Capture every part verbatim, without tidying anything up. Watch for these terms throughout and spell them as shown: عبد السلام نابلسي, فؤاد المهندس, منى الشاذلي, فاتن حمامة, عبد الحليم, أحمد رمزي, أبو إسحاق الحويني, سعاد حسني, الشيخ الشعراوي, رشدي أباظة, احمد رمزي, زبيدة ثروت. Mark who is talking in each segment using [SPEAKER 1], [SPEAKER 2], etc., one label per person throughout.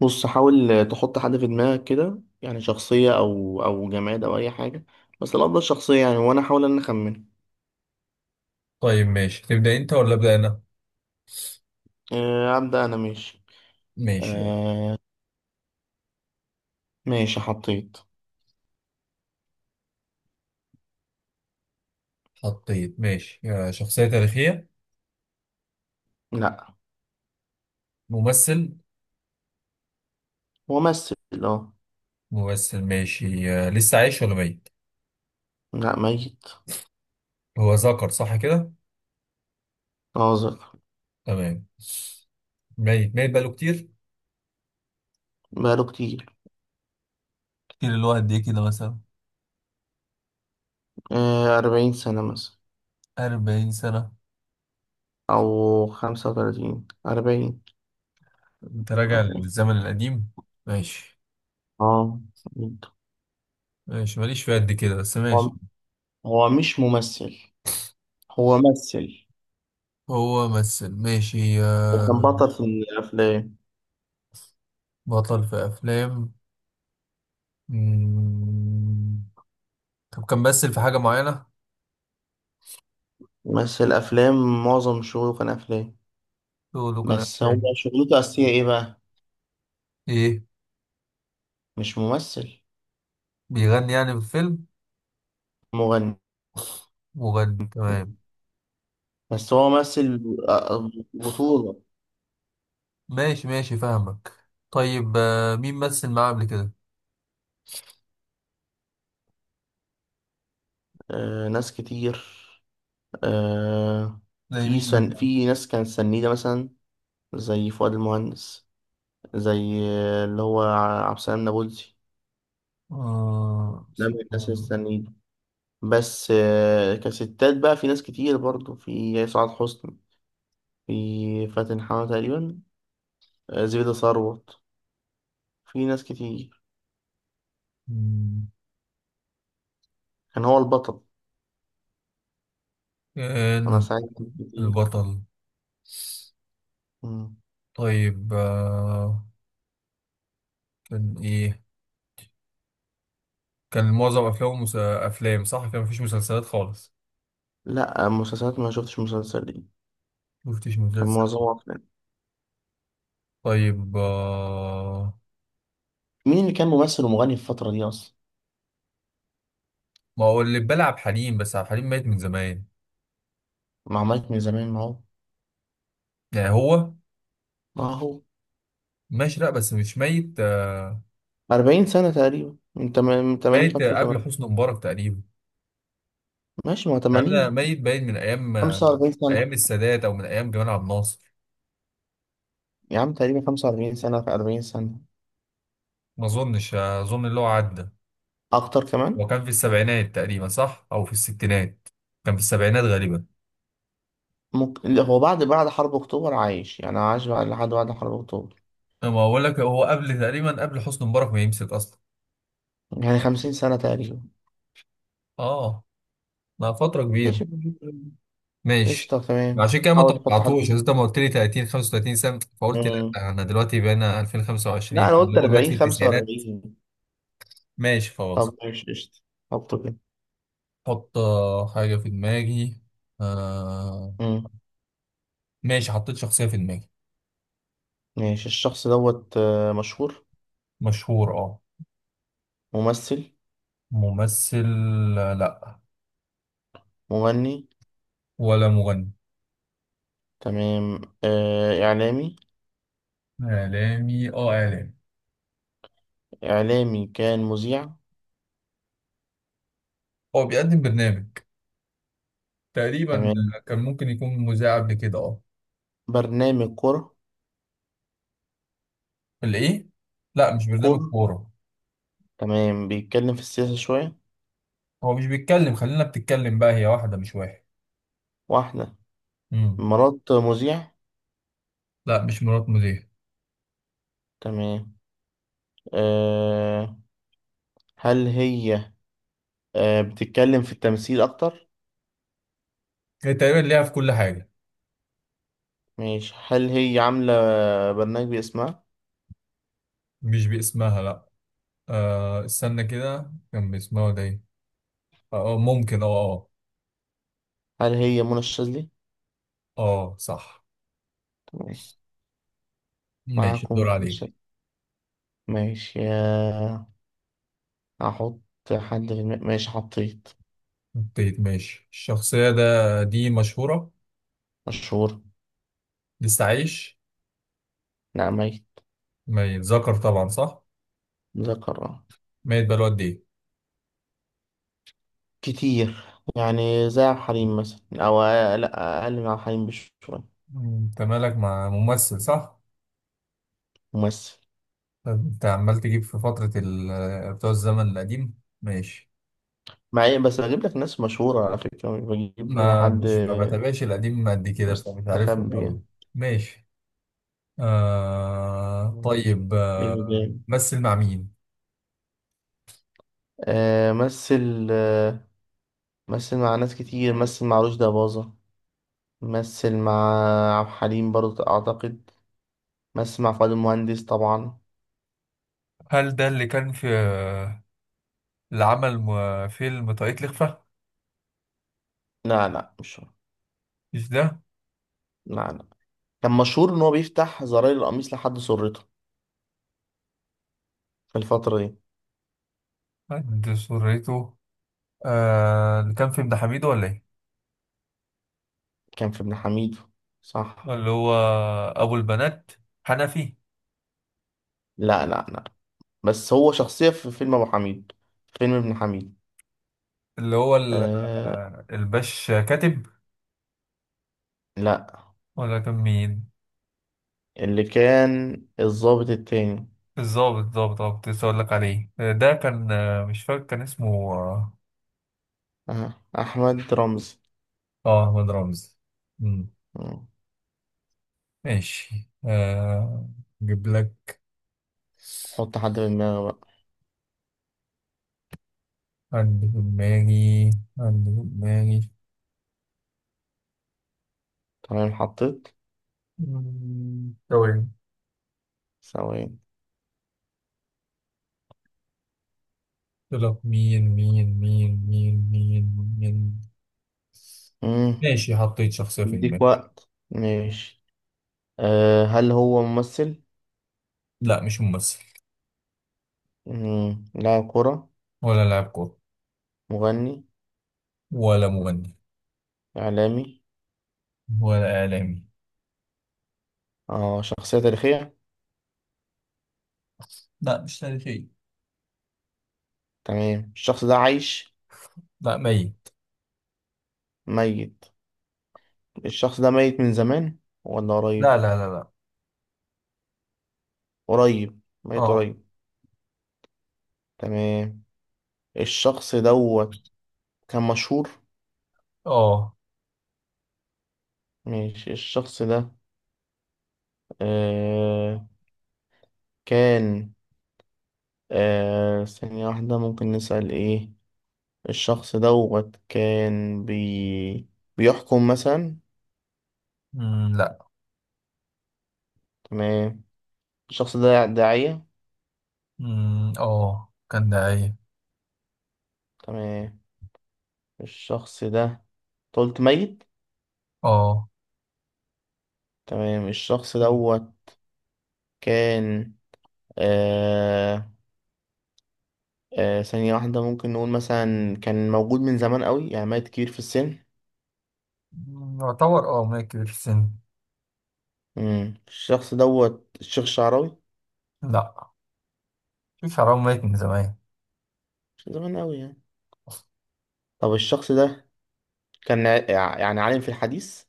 [SPEAKER 1] بص حاول تحط حد في دماغك كده يعني شخصية أو أو جماد أو أي حاجة. بس الأفضل شخصية يعني وأنا أحاول إن أنا أخمن.
[SPEAKER 2] طيب ماشي، تبدأ انت ولا أبدأ انا؟
[SPEAKER 1] آه، أبدأ أنا ماشي.
[SPEAKER 2] ماشي يلا.
[SPEAKER 1] آه ماشي حطيت.
[SPEAKER 2] حطيت، ماشي. آه، شخصية تاريخية؟
[SPEAKER 1] لأ.
[SPEAKER 2] ممثل؟
[SPEAKER 1] ممثل. أه.
[SPEAKER 2] ممثل ماشي. آه، لسه عايش ولا ميت؟
[SPEAKER 1] لأ ميت.
[SPEAKER 2] هو ذكر صح كده؟
[SPEAKER 1] ناظر.
[SPEAKER 2] تمام. ميت، ميت بقاله كتير؟
[SPEAKER 1] بقاله كتير.
[SPEAKER 2] كتير اللي هو قد ايه كده مثلا؟
[SPEAKER 1] آه أربعين سنة مثلا.
[SPEAKER 2] أربعين سنة؟
[SPEAKER 1] أو خمسة وتلاتين أربعين.
[SPEAKER 2] انت راجع
[SPEAKER 1] أربعين.
[SPEAKER 2] للزمن القديم. ماشي
[SPEAKER 1] أه. جدا.
[SPEAKER 2] ماشي، ماليش في قد كده بس ماشي.
[SPEAKER 1] هو هو مش ممثل. هو مثل.
[SPEAKER 2] هو ممثل ماشي.
[SPEAKER 1] وكان
[SPEAKER 2] آه،
[SPEAKER 1] بطل في الأفلام.
[SPEAKER 2] بطل في أفلام. مم. طب كان ممثل في حاجة معينة؟
[SPEAKER 1] مثل أفلام، معظم شغله كان أفلام.
[SPEAKER 2] له له كان
[SPEAKER 1] بس
[SPEAKER 2] أفلام؟
[SPEAKER 1] هو شغلته الأساسية إيه بقى؟
[SPEAKER 2] ايه،
[SPEAKER 1] مش ممثل.
[SPEAKER 2] بيغني يعني في الفيلم؟
[SPEAKER 1] مغني.
[SPEAKER 2] مغني، تمام.
[SPEAKER 1] بس هو ممثل آه، بطولة.
[SPEAKER 2] ماشي ماشي فاهمك. طيب آه، مين مثل معاه قبل كده؟
[SPEAKER 1] آه ناس كتير. آه.
[SPEAKER 2] زي
[SPEAKER 1] في
[SPEAKER 2] مين
[SPEAKER 1] سن،
[SPEAKER 2] مثلا؟
[SPEAKER 1] في ناس كانت سنيدة مثلا زي فؤاد المهندس، زي آه، اللي هو ع- عبد السلام نابلسي.
[SPEAKER 2] آه
[SPEAKER 1] ده من الناس
[SPEAKER 2] استنى.
[SPEAKER 1] السنيدة. بس آه كستات بقى في ناس كتير برضو. في سعاد حسني، في فاتن حمامة تقريبا، آه زبيدة ثروت. في ناس كتير.
[SPEAKER 2] مم،
[SPEAKER 1] كان هو البطل.
[SPEAKER 2] كان
[SPEAKER 1] أنا
[SPEAKER 2] هو
[SPEAKER 1] ساعدت كتير.
[SPEAKER 2] البطل؟
[SPEAKER 1] مم.
[SPEAKER 2] طيب آه، كان ايه، كان معظم افلامه مس... افلام؟ صح، كان مفيش مسلسلات خالص؟
[SPEAKER 1] لا مسلسلات، ما شفتش مسلسل دي.
[SPEAKER 2] مفتش
[SPEAKER 1] كان
[SPEAKER 2] مسلسل.
[SPEAKER 1] معظمها أفلام.
[SPEAKER 2] طيب آه.
[SPEAKER 1] مين اللي كان ممثل ومغني في الفترة دي أصلا؟
[SPEAKER 2] ما هو اللي بلعب عبد الحليم، بس عبد الحليم ميت من زمان
[SPEAKER 1] مع مايك من زمان، ما هو.
[SPEAKER 2] يعني. هو
[SPEAKER 1] ما هو
[SPEAKER 2] ماشي، لا بس مش ميت آه،
[SPEAKER 1] أربعين سنة تقريبا، من تم- من ثمانين
[SPEAKER 2] ميت قبل
[SPEAKER 1] خمسة وثمانين.
[SPEAKER 2] حسني مبارك تقريبا.
[SPEAKER 1] ماشي، ما هو
[SPEAKER 2] يعني ده
[SPEAKER 1] ثمانين.
[SPEAKER 2] ميت باين من ايام،
[SPEAKER 1] خمسة وأربعين سنة.
[SPEAKER 2] ايام السادات او من ايام جمال عبد الناصر.
[SPEAKER 1] يا عم تقريبا خمسة وأربعين سنة، في أربعين سنة.
[SPEAKER 2] ما اظنش، اظن اللي هو عدى.
[SPEAKER 1] أكتر
[SPEAKER 2] هو
[SPEAKER 1] كمان.
[SPEAKER 2] كان في السبعينات تقريبا صح، او في الستينات؟ كان في السبعينات غالبا.
[SPEAKER 1] ممكن. لا، هو بعد بعد حرب أكتوبر عايش، يعني عاش بعد، لحد بعد حرب أكتوبر.
[SPEAKER 2] ما اقول لك، هو قبل تقريبا قبل حسني مبارك ما يمسك اصلا.
[SPEAKER 1] يعني خمسين سنة تقريبا.
[SPEAKER 2] اه. لا فتره كبيره.
[SPEAKER 1] ماشي.
[SPEAKER 2] ماشي.
[SPEAKER 1] قشطة. تمام.
[SPEAKER 2] عشان كده ما
[SPEAKER 1] حاول تحط حد.
[SPEAKER 2] توقعتوش، أصل انت ما قلت لي تلاتين خمسة وتلاتين سنه، فقلت لا،
[SPEAKER 1] مم.
[SPEAKER 2] انا دلوقتي بقينا
[SPEAKER 1] لا،
[SPEAKER 2] ألفين وخمسة وعشرين
[SPEAKER 1] أنا
[SPEAKER 2] اللي
[SPEAKER 1] قلت
[SPEAKER 2] هو مات في
[SPEAKER 1] أربعين
[SPEAKER 2] التسعينات.
[SPEAKER 1] خمسة وأربعين.
[SPEAKER 2] ماشي خلاص.
[SPEAKER 1] طب ماشي قشطة. حطه كده.
[SPEAKER 2] حط آه، حاجه في دماغي. آه
[SPEAKER 1] مم.
[SPEAKER 2] ماشي، حطيت شخصيه في دماغي.
[SPEAKER 1] ماشي، الشخص دوت آه، مشهور.
[SPEAKER 2] مشهور اه.
[SPEAKER 1] ممثل.
[SPEAKER 2] ممثل؟ آه، لا.
[SPEAKER 1] مغني.
[SPEAKER 2] ولا مغني.
[SPEAKER 1] تمام. آه، إعلامي.
[SPEAKER 2] اعلامي؟ اه اعلامي.
[SPEAKER 1] إعلامي كان مذيع.
[SPEAKER 2] هو بيقدم برنامج تقريبا.
[SPEAKER 1] تمام.
[SPEAKER 2] كان ممكن يكون مذيع قبل كده اه.
[SPEAKER 1] برنامج كرة.
[SPEAKER 2] الايه؟ لا مش برنامج
[SPEAKER 1] كرة.
[SPEAKER 2] كورة.
[SPEAKER 1] تمام. بيتكلم في السياسة شوية.
[SPEAKER 2] هو مش بيتكلم، خلينا بتتكلم بقى، هي واحدة مش واحد.
[SPEAKER 1] واحدة.
[SPEAKER 2] امم
[SPEAKER 1] مرات مذيع.
[SPEAKER 2] لا مش مرات مذيع.
[SPEAKER 1] تمام. أه. هل هي. أه بتتكلم في التمثيل أكتر؟
[SPEAKER 2] هي تقريبا ليها في كل حاجة.
[SPEAKER 1] ماشي، هل هي عاملة برنامج باسمها؟
[SPEAKER 2] مش باسمها لا. آه استنى كده، كان باسمها ده ايه؟ اه آه، ممكن، اه اه.
[SPEAKER 1] هل هي منى الشاذلي؟
[SPEAKER 2] اه صح.
[SPEAKER 1] تمام.
[SPEAKER 2] ماشي
[SPEAKER 1] معاكم
[SPEAKER 2] الدور
[SPEAKER 1] منى
[SPEAKER 2] عليك.
[SPEAKER 1] الشاذلي. ماشي يا، احط حد في الم... ماشي حطيت.
[SPEAKER 2] ابتديت ماشي. الشخصية ده دي مشهورة.
[SPEAKER 1] مشهور.
[SPEAKER 2] لسه عايش؟
[SPEAKER 1] نعمية.
[SPEAKER 2] ميت. ذكر طبعا صح.
[SPEAKER 1] ذكر.
[SPEAKER 2] ميت بقاله قد ايه؟
[SPEAKER 1] كتير، يعني زي عبد الحليم مثلا. او أقل- لا، اقل من عبد الحليم بشوية.
[SPEAKER 2] مم، انت مالك مع ممثل صح؟
[SPEAKER 1] ممثل.
[SPEAKER 2] طب انت عمال تجيب في فترة ال- بتوع الزمن القديم. ماشي.
[SPEAKER 1] مع إيه؟ بس بجيب لك ناس مشهورة على فكرة، مش بجيب
[SPEAKER 2] ما
[SPEAKER 1] حد
[SPEAKER 2] مش ما بتابعش القديم قد كده فمش عارفهم
[SPEAKER 1] مستخبي
[SPEAKER 2] قوي.
[SPEAKER 1] يعني.
[SPEAKER 2] ماشي. آه طيب
[SPEAKER 1] حلو
[SPEAKER 2] آه،
[SPEAKER 1] جامد.
[SPEAKER 2] مثل مع مين؟
[SPEAKER 1] آه مثل آه مثل مع ناس كتير. مثل مع رشدي أباظة. مثل مع عبد الحليم برضه أعتقد. مثل مع فؤاد المهندس طبعا.
[SPEAKER 2] هل ده اللي كان في، اللي عمل م- فيلم طاقية الإخفاء؟
[SPEAKER 1] لا لا، مش هو.
[SPEAKER 2] مش ده؟
[SPEAKER 1] لا. كان مشهور ان هو بيفتح زراير القميص لحد سرته في الفترة دي.
[SPEAKER 2] عند سرته. آه اللي كان في ابن حميدو ولا ايه؟
[SPEAKER 1] كان في ابن حميد. صح.
[SPEAKER 2] اللي هو أبو البنات، حنفي؟
[SPEAKER 1] لا لا لا. بس هو شخصية في فيلم ابو حميد، فيلم ابن حميد.
[SPEAKER 2] اللي هو ال-
[SPEAKER 1] آه.
[SPEAKER 2] آه، الباش كاتب؟
[SPEAKER 1] لا.
[SPEAKER 2] ولا كان مين،
[SPEAKER 1] اللي كان الضابط التاني.
[SPEAKER 2] الظابط؟ الظابط اه، كنت لسه أقول لك عليه آه، ده كان آه، مش فاكر كان اسمه اه.
[SPEAKER 1] آه. احمد رمزي.
[SPEAKER 2] آه، أحمد رمزي. مم،
[SPEAKER 1] مم.
[SPEAKER 2] ماشي آه، أجيب لك.
[SPEAKER 1] حط حد في دماغي بقى.
[SPEAKER 2] عندي في دماغي، عندي في دماغي.
[SPEAKER 1] تمام حطيت.
[SPEAKER 2] مم، ثواني.
[SPEAKER 1] ثواني.
[SPEAKER 2] قلت لك، مين مين مين مين مين مين
[SPEAKER 1] مم.
[SPEAKER 2] ماشي حطيت شخصية في
[SPEAKER 1] اديك
[SPEAKER 2] دماغي.
[SPEAKER 1] وقت، ماشي. آه، هل هو ممثل؟
[SPEAKER 2] لا مش ممثل.
[SPEAKER 1] مم. لاعب كرة.
[SPEAKER 2] ولا لاعب كورة.
[SPEAKER 1] مغني.
[SPEAKER 2] ولا مغني.
[SPEAKER 1] إعلامي.
[SPEAKER 2] ولا إعلامي.
[SPEAKER 1] اه، شخصية تاريخية.
[SPEAKER 2] لا مش تاريخي.
[SPEAKER 1] تمام. الشخص ده عايش.
[SPEAKER 2] لا ميت.
[SPEAKER 1] ميت. الشخص ده ميت من زمان ولا
[SPEAKER 2] لا
[SPEAKER 1] قريب؟
[SPEAKER 2] لا لا لا.
[SPEAKER 1] قريب، ميت
[SPEAKER 2] اه.
[SPEAKER 1] قريب. تمام. الشخص دوت كان مشهور.
[SPEAKER 2] اه.
[SPEAKER 1] ماشي الشخص ده، آه كان، آه ثانية واحدة، ممكن نسأل ايه. الشخص دوت كان بي بيحكم مثلا.
[SPEAKER 2] مم، لا.
[SPEAKER 1] تمام. الشخص ده داعية.
[SPEAKER 2] مم، اه كان داعية.
[SPEAKER 1] تمام. الشخص ده أنت قلت ميت.
[SPEAKER 2] اه.
[SPEAKER 1] تمام. الشخص دوت كان آه آه ثانية واحدة، ممكن نقول مثلا كان موجود من زمان قوي، يعني ميت كبير في السن.
[SPEAKER 2] مم، يعتبر اه ميت كبير في السن.
[SPEAKER 1] مم. الشخص دوت الشيخ الشعراوي.
[SPEAKER 2] لا، في حرام، ميت من زمان.
[SPEAKER 1] مش زمان قوي يعني. طب الشخص ده كان ع- يعني عالم في الحديث.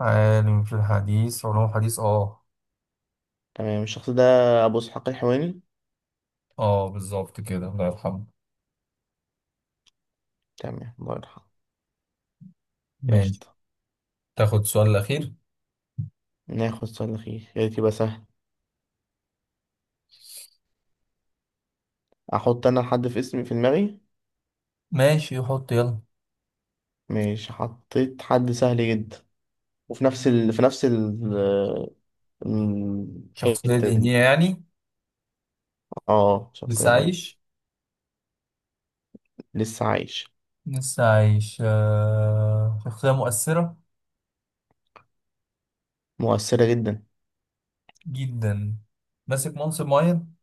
[SPEAKER 2] عالم في الحديث، علوم حديث اه.
[SPEAKER 1] تمام. الشخص ده أبو إسحاق الحويني.
[SPEAKER 2] اه بالظبط كده، الله يرحمه.
[SPEAKER 1] تمام، الله يرحمه.
[SPEAKER 2] ماشي.
[SPEAKER 1] قشطة.
[SPEAKER 2] تاخد السؤال الأخير.
[SPEAKER 1] ناخد سؤال أخير، يا ريت يبقى سهل. أحط أنا حد في اسمي في دماغي.
[SPEAKER 2] ماشي حط يلا.
[SPEAKER 1] ماشي حطيت حد سهل جدا. وفي نفس ال... في نفس ال...
[SPEAKER 2] شخصية
[SPEAKER 1] الحتة دي.
[SPEAKER 2] دينية يعني؟
[SPEAKER 1] اه، الشخصية
[SPEAKER 2] لسه
[SPEAKER 1] دي.
[SPEAKER 2] عايش.
[SPEAKER 1] لسه عايش.
[SPEAKER 2] لسه عايش آه. شخصية مؤثرة
[SPEAKER 1] مؤثرة جدا.
[SPEAKER 2] جدا. ماسك منصب معين؟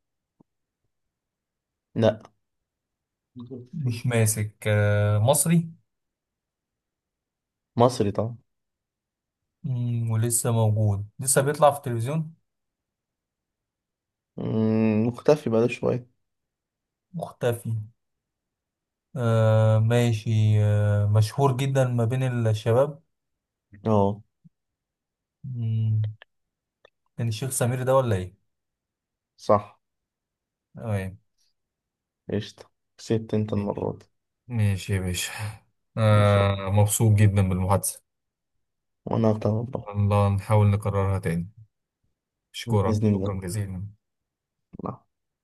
[SPEAKER 1] لا.
[SPEAKER 2] مش ماسك. آه، مصري.
[SPEAKER 1] مصري طبعا.
[SPEAKER 2] مم، ولسه موجود، لسه بيطلع في التلفزيون؟
[SPEAKER 1] مم، مختفي بقاله شوية.
[SPEAKER 2] مختفي. آه ماشي. آه مشهور جدا ما بين الشباب.
[SPEAKER 1] اه،
[SPEAKER 2] مم، كان الشيخ سمير ده ولا ايه؟
[SPEAKER 1] صح.
[SPEAKER 2] تمام.
[SPEAKER 1] قشطة. كسبت انت
[SPEAKER 2] ماشي.
[SPEAKER 1] المرة دي.
[SPEAKER 2] ماشي يا باشا،
[SPEAKER 1] ماشي.
[SPEAKER 2] آه مبسوط جدا بالمحادثة.
[SPEAKER 1] وانا هغتها والله.
[SPEAKER 2] الله، نحاول نكررها تاني. أشكرك
[SPEAKER 1] بإذن
[SPEAKER 2] شكرا
[SPEAKER 1] الله.
[SPEAKER 2] جزيلا.